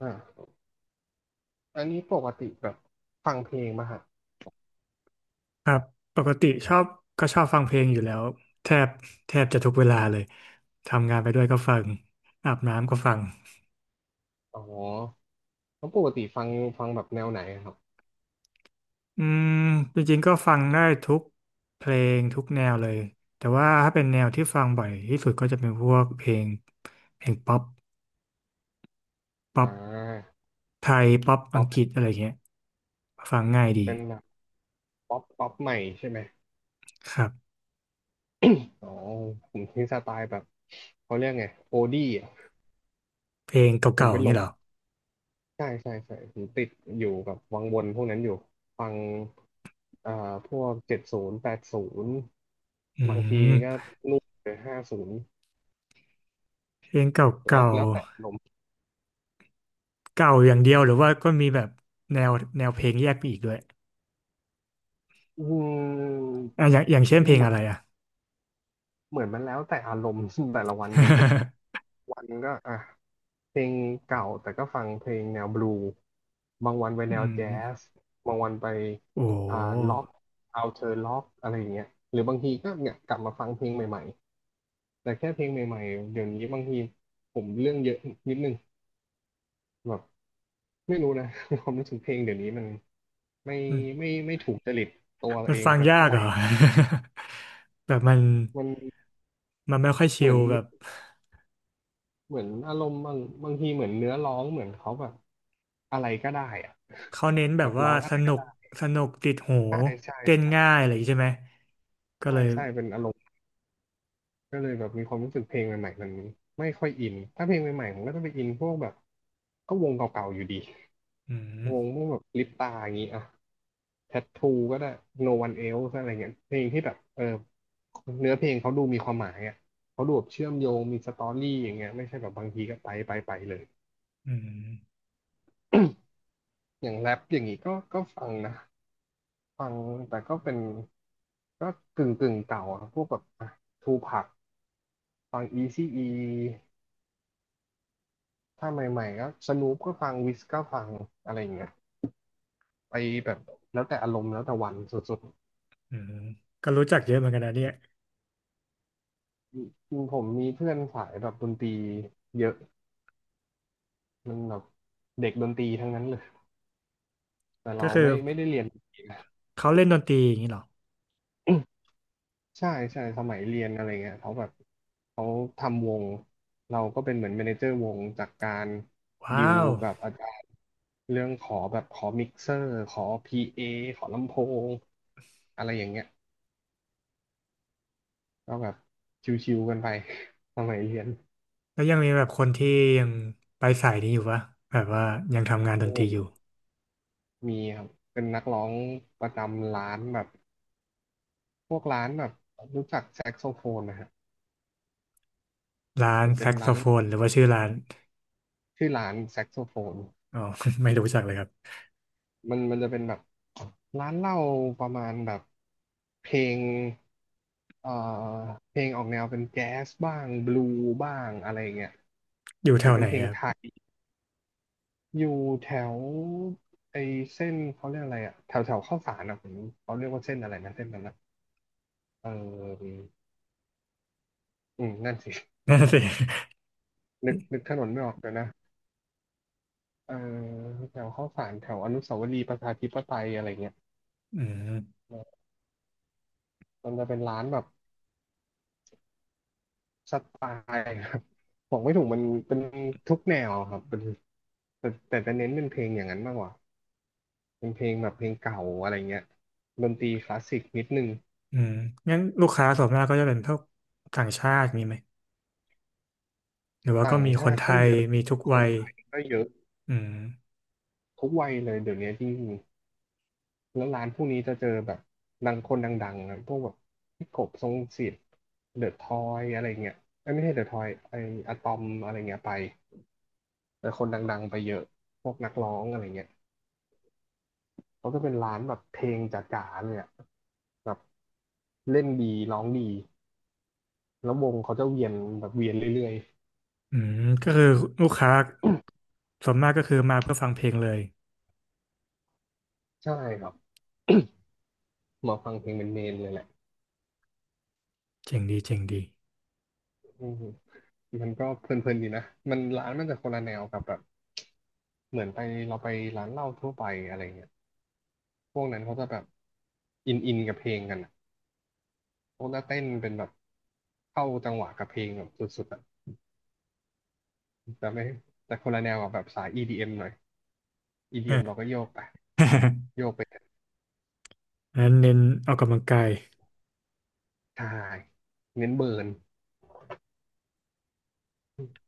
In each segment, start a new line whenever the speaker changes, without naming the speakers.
อ่าอันนี้ปกติแบบฟังเพลงมาฮะ
ครับปกติชอบก็ชอบฟังเพลงอยู่แล้วแทบแทบจะทุกเวลาเลยทำงานไปด้วยก็ฟังอาบน้ำก็ฟัง
อ๋อแล้วปกติฟังแบบแนวไหนอะครับ
อืมจริงๆก็ฟังได้ทุกเพลงทุกแนวเลยแต่ว่าถ้าเป็นแนวที่ฟังบ่อยที่สุดก็จะเป็นพวกเพลงป๊อปป๊
อ่
อป
า
ไทยป๊อปอั
ป๊อ
ง
ป
กฤษอะไรเงี้ยฟังง่ายดี
เป็นแบบป๊อปป๊อปใหม่ใช่ไหม
ครับ
อ๋อผมที่สไตล์แบบเขาเรียกไงโอดี้อ่ะ
เพลง
ผม
เก่าๆ
ไป
อย่าง
หล
นี้
ง
เหรอ
ใช่ใช่ใช่ผมติดอยู่กับวังวนพวกนั้นอยู่ฟังเอ่าพวกเจ็ดศูนย์แปดศูนย์
อื
บางที
ม
ก็นู่นเลยห้าศูนย์
เพลง
แล้ว
ก่า
แล้วแต่อารมณ์
เก่าอย่างเดียวหรือว่าก็มีแบบแนวแนวเพลงแยกไปอีกด้วย
อืม
อ่ะอย่าง
เห
เช่น
มื
เพลง
อ
อะ
น
ไรอ่ะ
เหมือนมันแล้วแต่อารมณ์ แต่ละวันสุด วันก็อ่ะเพลงเก่าแต่ก็ฟังเพลงแนวบลูบางวันไป
อื
แนวแจ๊
ม
สบางวันไป
โอ้
อ่าล็อกเอาเธอล็อกอะไรอย่างเงี้ยหรือบางทีก็เนี่ยกลับมาฟังเพลงใหม่ๆแต่แค่เพลงใหม่ๆเดี๋ยวนี้บางทีผมเรื่องเยอะนิดนึงแบบไม่รู้นะ ความรู้สึกเพลงเดี๋ยวนี้มันไม่
มัน
ไม่ไม่ถูกจริตตัว
มัน
เอง
ฟัง
สัก
ยา
เท่า
ก
ไห
เห
ร่
รอ แบบมัน
มัน
ไม่ค่อยชิ
เหมือ
ล
น
แบบ
เหมือนอารมณ์บางทีเหมือนเนื้อร้องเหมือนเขาแบบอะไรก็ได้อะ
เขาเน้นแบ
แบ
บ
บ
ว่า
ร้องอะ
ส
ไรก็
นุก
ได้
ติดหู
ใช่
เต้น
ใช่
ง่ายอะไรอย่างงี้ใช่ไหมก็
ใช่
เลย
ใช่เป็นอารมณ์ก็เลยแบบมีความรู้สึกเพลงใหม่ๆมันไม่ค่อยอินถ้าเพลงใหม่ๆผมก็จะไปอินพวกแบบก็วงเก่าๆอยู่ดี
อืม
วงพวกแบบลิปตาอย่างนี้อ่ะแทททูก็ได้ No One Else อะไรเงี้ยเพลงที่แบบเออเนื้อเพลงเขาดูมีความหมายอ่ะเขาดูแบบเชื่อมโยงมีสตอรี่อย่างเงี้ยไม่ใช่แบบบางทีก็ไปไปไปเลย
อืม
อย่างแรปอย่างนี้ก็ฟังนะฟังแต่ก็เป็นก็กึ่งเก่าอะพวกแบบทูพักฟังอีซีอี ถ้าใหม่ๆก็สนูปก็ฟังวิสก็ฟังอะไรอย่างเงี้ยไปแบบแล้วแต่อารมณ์แล้วแต่วันสุด
อืมก็รู้จักเยอะเหมือนกันนะเนี่ย
ๆจริงผมมีเพื่อนสายแบบดนตรีเยอะมันแบบเด็กดนตรีทั้งนั้นเลยแต่
ก็
เรา
คือ
ไม่ได้เรียน
เขาเล่นดนตรีอย่างนี้เหรอ
ใช่ใช่สมัยเรียนอะไรเงี้ยเขาแบบเขาทำวงเราก็เป็นเหมือนแมเนเจอร์วงจากการดิ
ว้า
ว
ว
กับอาจารย์เรื่องขอแบบขอมิกเซอร์ขอพีเอขอลำโพงอะไรอย่างเงี้ย ก็แบบชิวๆกันไป สมัยเรียน
แล้วยังมีแบบคนที่ยังไปสายนี้อยู่ปะแบบว่ายังทำงานดน
โอ้
ตรีอยู่
มีครับเป็นนักร้องประจำร้านแบบ พวกร้านแบบรู้จักแซกโซโฟนนะฮะ
ร้าน
มัน
แซ
เป็น
กโซ
ร้าน
โฟ
เหล้า
นหรือว่าชื่อร้าน
ชื่อร้านแซกโซโฟน
อ๋อ ไม่รู้จักเลยครับ
มันจะเป็นแบบร้านเหล้าประมาณแบบเพลงเอ่อเพลงออกแนวเป็นแจ๊สบ้างบลูบ้างอะไรเงี้ย
อยู่
ห
แถ
รือ
ว
เป็
ไห
น
น
เพลง
ครั
ไท
บ
ยอยู่แถวไอเส้นเขาเรียกอะไรอะแถวแถวข้าวสารอะผมเขาเรียกว่าเส้นอะไรนะเส้นนั้นะ เอออืมนั่นสิ
นั่นสิ
นึกถนนไม่ออกเลยวนะเออแถวข้าวสารแถวอนุสาวรีย์ประชาธิปไตยอะไรเงี้ย
อืม
มันจะเป็นร้านแบบสไตล์ครับบอกไม่ถูกมันเป็นทุกแนวครับเป็นแต่จะเน้นเป็นเพลงอย่างนั้นมากกว่าเป็นเพลงแบบเพลงเก่าอะไรเงี้ยดนตรีคลาสสิกนิดนึง
อืมงั้นลูกค้าส่วนมากก็จะเป็นพวกต่างชาติมีไหมหรือว่าก็
ต่าง
มีค
ชา
น
ติ
ไท
ก็
ย
เยอะ
มีทุก
ค
วั
น
ย
ไทยก็เยอะ
อืม
ทุกวัยเลยเดี๋ยวนี้จริงๆ แล้วร้านพวกนี้จะเจอแบบดังคนดังๆนะพวกแบบพี่กบทรงศิษย์เดอะทอยอะไรเงี้ยเอ้ยไม่ใช่เดอะทอยไออะตอมอะไรเงี้ยไปแต่คนดังๆ ไปเยอะพวกนักร้องอะไรเงี้ยเขาจะเป็นร้านแบบเพลงจ๋าๆเลยอะแบบเล่นดีร้องดีแล้ววงเขาจะเวียนแบบเวียนเรื่อย
อืมก็คือลูกค้าส่วนมากก็คือมาเพื่อฟังเพลงเลย
ๆ ใช่ครับมาฟังเพลงเป็นเมนเลยแหละ
เจ๋งดีเจ๋งดี
อืมมันก็เพลินๆดีนะ มันร้านมันจะคนละแนวกับแบบเหมือนไปเราไปร้านเหล้าทั่วไปอะไรเงี้ย พวกนั้นเขาจะแบบอินกับเพลงกันอะพวกนักเต้นเป็นแบบเข้าจังหวะกับเพลงแบบสุดๆอ่ะแต่ไม่แต่คนละแนวกับแบบสาย EDM หน่อย
เออ
EDM เอ็มเราก็โยกไป โยกไป
งั้นเน้นออกกำลังกาย
ทายเน้นเบิร์น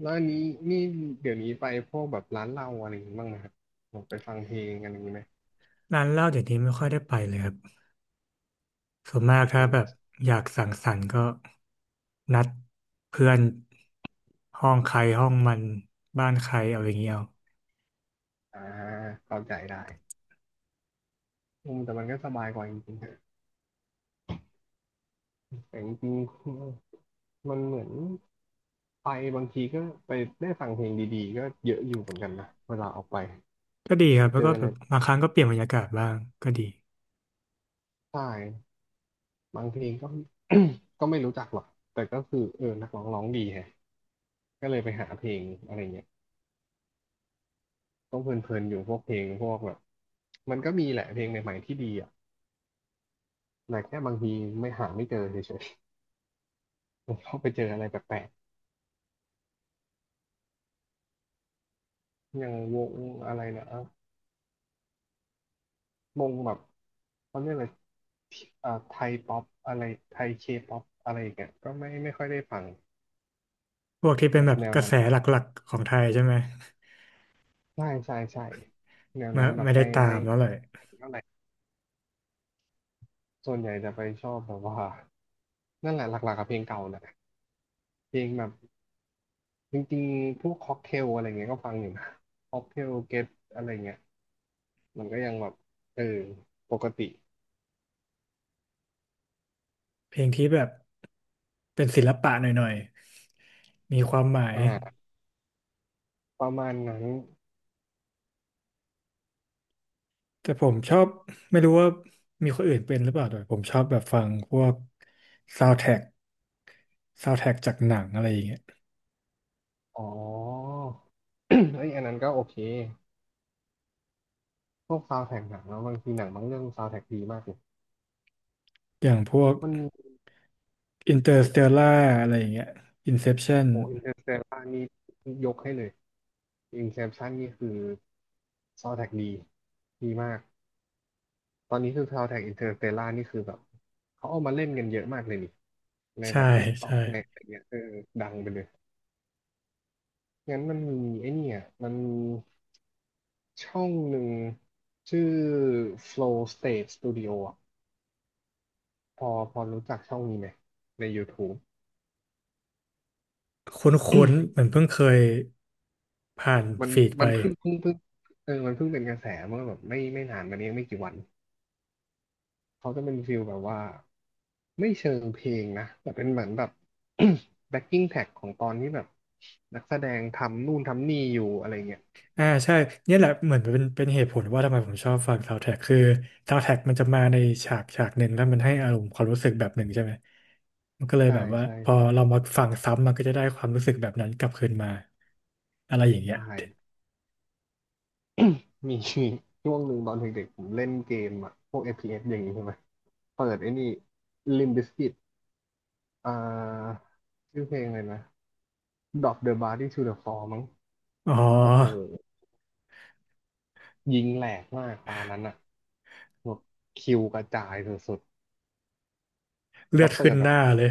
แล้วอันนี้นี่เดี๋ยวนี้ไปพวกแบบร้านเหล้าอะไรอย่างงี้บ้างนะครับแบบไปฟังเพลงกันอย่างนี้ไหม
ร้านเหล้าเดี๋ยวนี้ไม่ค่อยได้ไปเลยครับส่วนมากถ้า
อื
แบบ
ม
อยากสังสรรค์ก็นัดเพื่อนห้องใครห้องมันบ้านใครเอาอย่างเงี้ยเอา
อ่าเข้าใจได้อืมแต่มันก็สบายกว่าจริงๆนะแต่จริงๆมันเหมือนไปบางทีก็ไปได้ฟังเพลงดีๆก็เยอะอยู่เหมือนกันนะเวลาออกไป
ก็ดีค
ไป
รับแล้
เจ
ว
อ
ก็
อะ
แบ
ไร
บบางครั้งก็เปลี่ยนบรรยากาศบ้างก็ดี
ใช่บางเพลงก็ ก็ไม่รู้จักหรอกแต่ก็คือนักร้องร้องดีแฮะก็เลยไปหาเพลงอะไรเงี้ยต้องเพลินๆอยู่พวกเพลงพวกแบบมันก็มีแหละเพลงใหม่ๆที่ดีอ่ะแต่แค่บางทีไม่หาไม่เจอเฉยๆผมก็ไปเจออะไรแปลกๆอย่างวงอะไรนะวงแบบเขาเรียกอะไรไทยป๊อปอะไรไทยเคป๊อปอะไรอย่างเงี้ยก็ไม่ค่อยได้ฟัง
พวกที่เป็
แบ
น
บ
แบบ
แนว
กระ
นั้
แส
น
หลักๆของไทยใช่ไหม
ใช่ใช่ใช่แนว
ไม่
นั้นแบบ
ไม่ได้
ไม่
ตา
ไม่
มแล้วเลย
เท่าไหร่ส่วนใหญ่จะไปชอบแบบว่า นั่นแหละหลักๆกับเพลงเก่าแหละเพลงแบบจริงๆพวกค็อกเทลอะไรเงี้ยก็ฟังอยู่นะค็อกเทลเกตอะไรเงี้ยมันก็ยังแบบเออปกติ
เพลงที่แบบเป็นศิลปะหน่อยๆมีความหมาย
อ่าประมาณนั้น
แต่ผมชอบไม่รู้ว่ามีคนอื่นเป็นหรือเปล่าแต่ผมชอบแบบฟังพวกซาวด์แทร็กซาวด์แทร็กจากหนังอะไรอย่างเงี้ย
อ๋อ เอ้ยอันนั้นก็โอเคพวกซาว n d แทร็กหนังแล้วบางทีหนังบางเรื่องซาว n d แทร็กดีมากเลย
อย่างพวก
มันมี
Interstellar อะไรอย่างเงี้ย Inception
โออินเตอร์สเตลานี่ยกให้เลยอินเซปชั่นนี่คือซาว n d แทร็กดีมาก ตอนนี้คือ Soundtrack Interstellar นี่คือแบบเขาเอามาเล่นกันเยอะมากเลยนี่ใน
ใช่
แบบ
ใช่
TikTok ในอะไรเงี้ยดังไปเลย งั้นมันมีไอ้เนี่ยมันมีช่องหนึ่งชื่อ Flow State Studio อ่ะพอรู้จักช่องนี้ไหมใน YouTube
คุ้นๆเหมือนเพิ่งเคยผ่าน
มัน
ฟีดไป
มันเพิ่งเพิ่งเพิ่งเออมันเพิ่งเป็นกระแสเมื่อแบบไม่นานมานี้ไม่กี่วันเขาจะเป็นฟิลแบบว่า ไม่เชิงเพลงนะแต่เป็นเหมือนแบบ backing track ของตอนที่แบบนักแสดงทำนู่นทำนี่อยู่อะไรเงี้ย
อ่าใช่เนี่ยแหละเหมือนเป็นเหตุผลว่าทำไมผมชอบฟังซาว n d แท a ็กคือซาว n d แท a ็กมันจะมาในฉากฉากหนึ่งแล้วมันให้อารมณ์ความรู้สึกแบบหนึ่งใช่ไหมมันก็เลย
ใช่
แบบว่า
ใช่
พอเรามาฟังซ้ำมันก็จะได้ความรู้สึกแบบนั้นกลับคืนมาอะไรอย่างเงี้
ใช
ย
่มีช่วงหนึ่งตอนเด็กๆผมเล่นเกมอะพวก FPS อฟพีเอสอย่างนี้ใช่ไหมเปิดไอ้นี่ Limp Bizkit อ่าชื่อเพลงเลยนะ Drop the Body to the Floor มั้ง
อ๋
โอ้โห
อ
ยิงแหลกมากตานั้นอะแบบคิวกระจายสุดๆ
เลื
แล้
อ
ว
ด
เปิ
ขึ้น
ดแบ
ห
บ
น้าเลย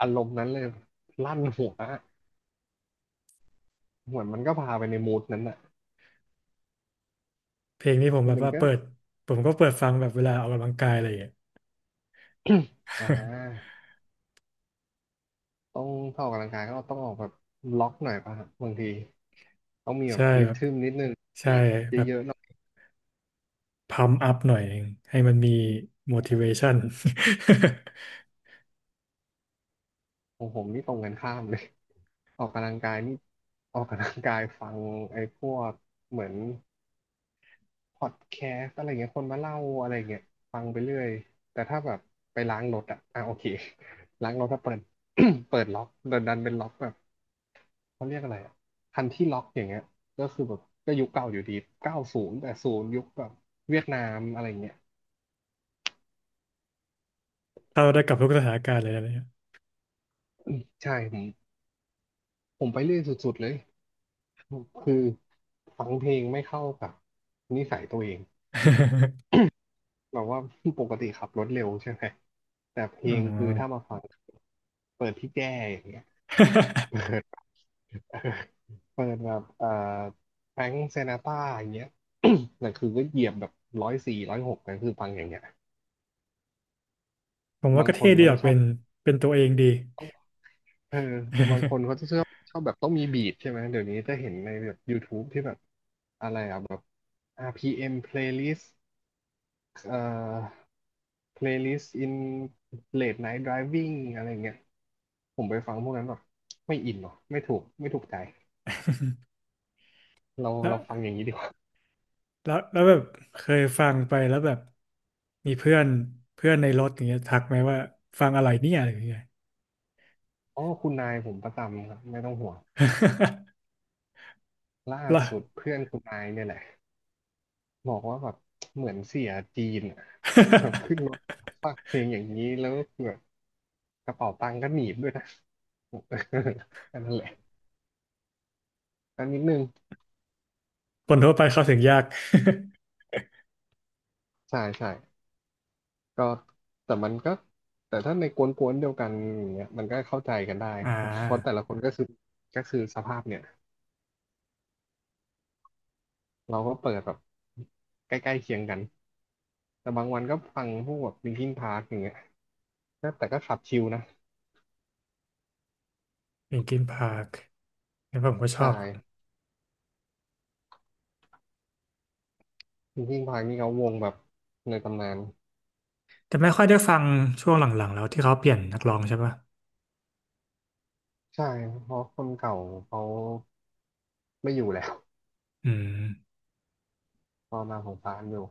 อารมณ์นั้นเลยลั่นหัวอะเหมือนมันก็พาไปในมูดนั้นอะ
เพลงนี้ผม
คื
แบ
อ
บ
มัน
ว่า
ก็
เปิดผมก็เปิดฟังแบบเวลาออกกำลังกายอะไรอย่างเงี้ย
อ่าต้องถ้าออกกำลังกายก็ต้องออกแบบล็อกหน่อยป่ะฮะบางทีต้องมี แบบ
ใช่
ริ
แบบ
ทึมนิดนึง
ใช่
บีบ
แบบ
เยอะๆหน่อย
พัมอัพหน่อยหนึ่งให้มันมี motivation
ของผมนี่ตรงกันข้ามเลย ออกกำลังกายนี่ออกกำลังกายฟังไอ้พวกเหมือนพอดแคสต์อะไรเงี้ยคนมาเล่าอะไรเงี้ยฟังไปเรื่อยแต่ถ้าแบบไปล้างรถอะอ่ะโอเค ล้างรถถ้าเปิด เปิดล็อกดันเป็นล็อกแบบ เขาเรียกอะไรอ่ะคันที่ล็อกอย่างเงี้ยก็คือแบบก็ยุคเก่าอยู่ดี90แต่ศูนย์ยุคแบบเวียดนามอะไรเงี้ย
เข้าได้กับทุกสถานการณ์เลยนะเนี่ย
ใช่ผมไปเรื่อยสุดๆเลยคือฟังเพลงไม่เข้ากับนิสัยตัวเอง แบบว่า ปกติขับรถเร็วใช่ไหมแต่เพล
อ๋อ
งคือถ้ามาฟังเปิดพี่แจ้อย่างเงี้ย เปิ ด เปิดแบบแฟรงค์เซนาตราอย่างเงี้ย แต่คือก็เหยียบแบบ140-160นั่นคือฟังอย่างเงี้ย
ผมว่า
บาง
ก็
ค
เท่
น
ดี
เขา
ออ
จะ
ก
ชอ
เป็
บ
นเป็นตัวเองดี
เออแต่บางคนเขาจะ ชอบแบบต้องมีบีทใช่ไหมเดี๋ยวนี้จะเห็นในแบบ YouTube ที่แบบอะไรอ่ะแบบ RPM playlist เอ่อ playlist in late night driving อะไรเงี้ยผมไปฟังพวกนั้นแบบไม่อินหรอไม่ถูกใจเรา
แล้ว
เราฟังอย่างนี้ดีกว่า
แล้วแบบเคยฟังไปแล้วแบบมีเพื่อนเพื่อนในรถอย่างเงี้ยทักไหมว่าฟังอะไรเนี่ยอะไรอย่างเงี้ย
อ๋อคุณนายผมประจำครับไม่ต้องห่วงล่า
ล่ะ
สุดเพื่อนคุณนายเนี่ยแหละ บอกว่าแบบเหมือนเสียจีนอะ แบบขึ้นรถ ฟักเพลงอย่างนี้แล้วแบบกระเป๋าตังค์ก็หนีบด้วยนะ แันนั่นแหละอันนิดนึง
คนทั่วไปเข้าถึงยาก
ใช่ใช่ก็แต่มันก็แต่ถ้าในกวนๆเดียวกันอย่างเนี่ยมันก็เข้าใจกันได้
อ่า
เพราะแต่ละคนก็คือก็คือสภาพเนี่ยเราก็เปิดแบบใกล้ๆเคียงกันแต่บางวันก็ฟังพวกแบบ Linkin Park อย่างเงี้ยก็แต่ก็ขับชิลนะ
เป็นกินพาร์คผมก็ช
ใช่
อบ
Linkin Park นี่เขาวงแบบในตำนาน
แต่ไม่ค่อยได้ฟังช่วงหลังๆแล้วที่เขาเปลี่ยนนักร้องใช่ปะ
ใช่ เพราะคนเก่าเขาไม่อยู่แล้ว
อืม
พอมาของฟ้านอยู่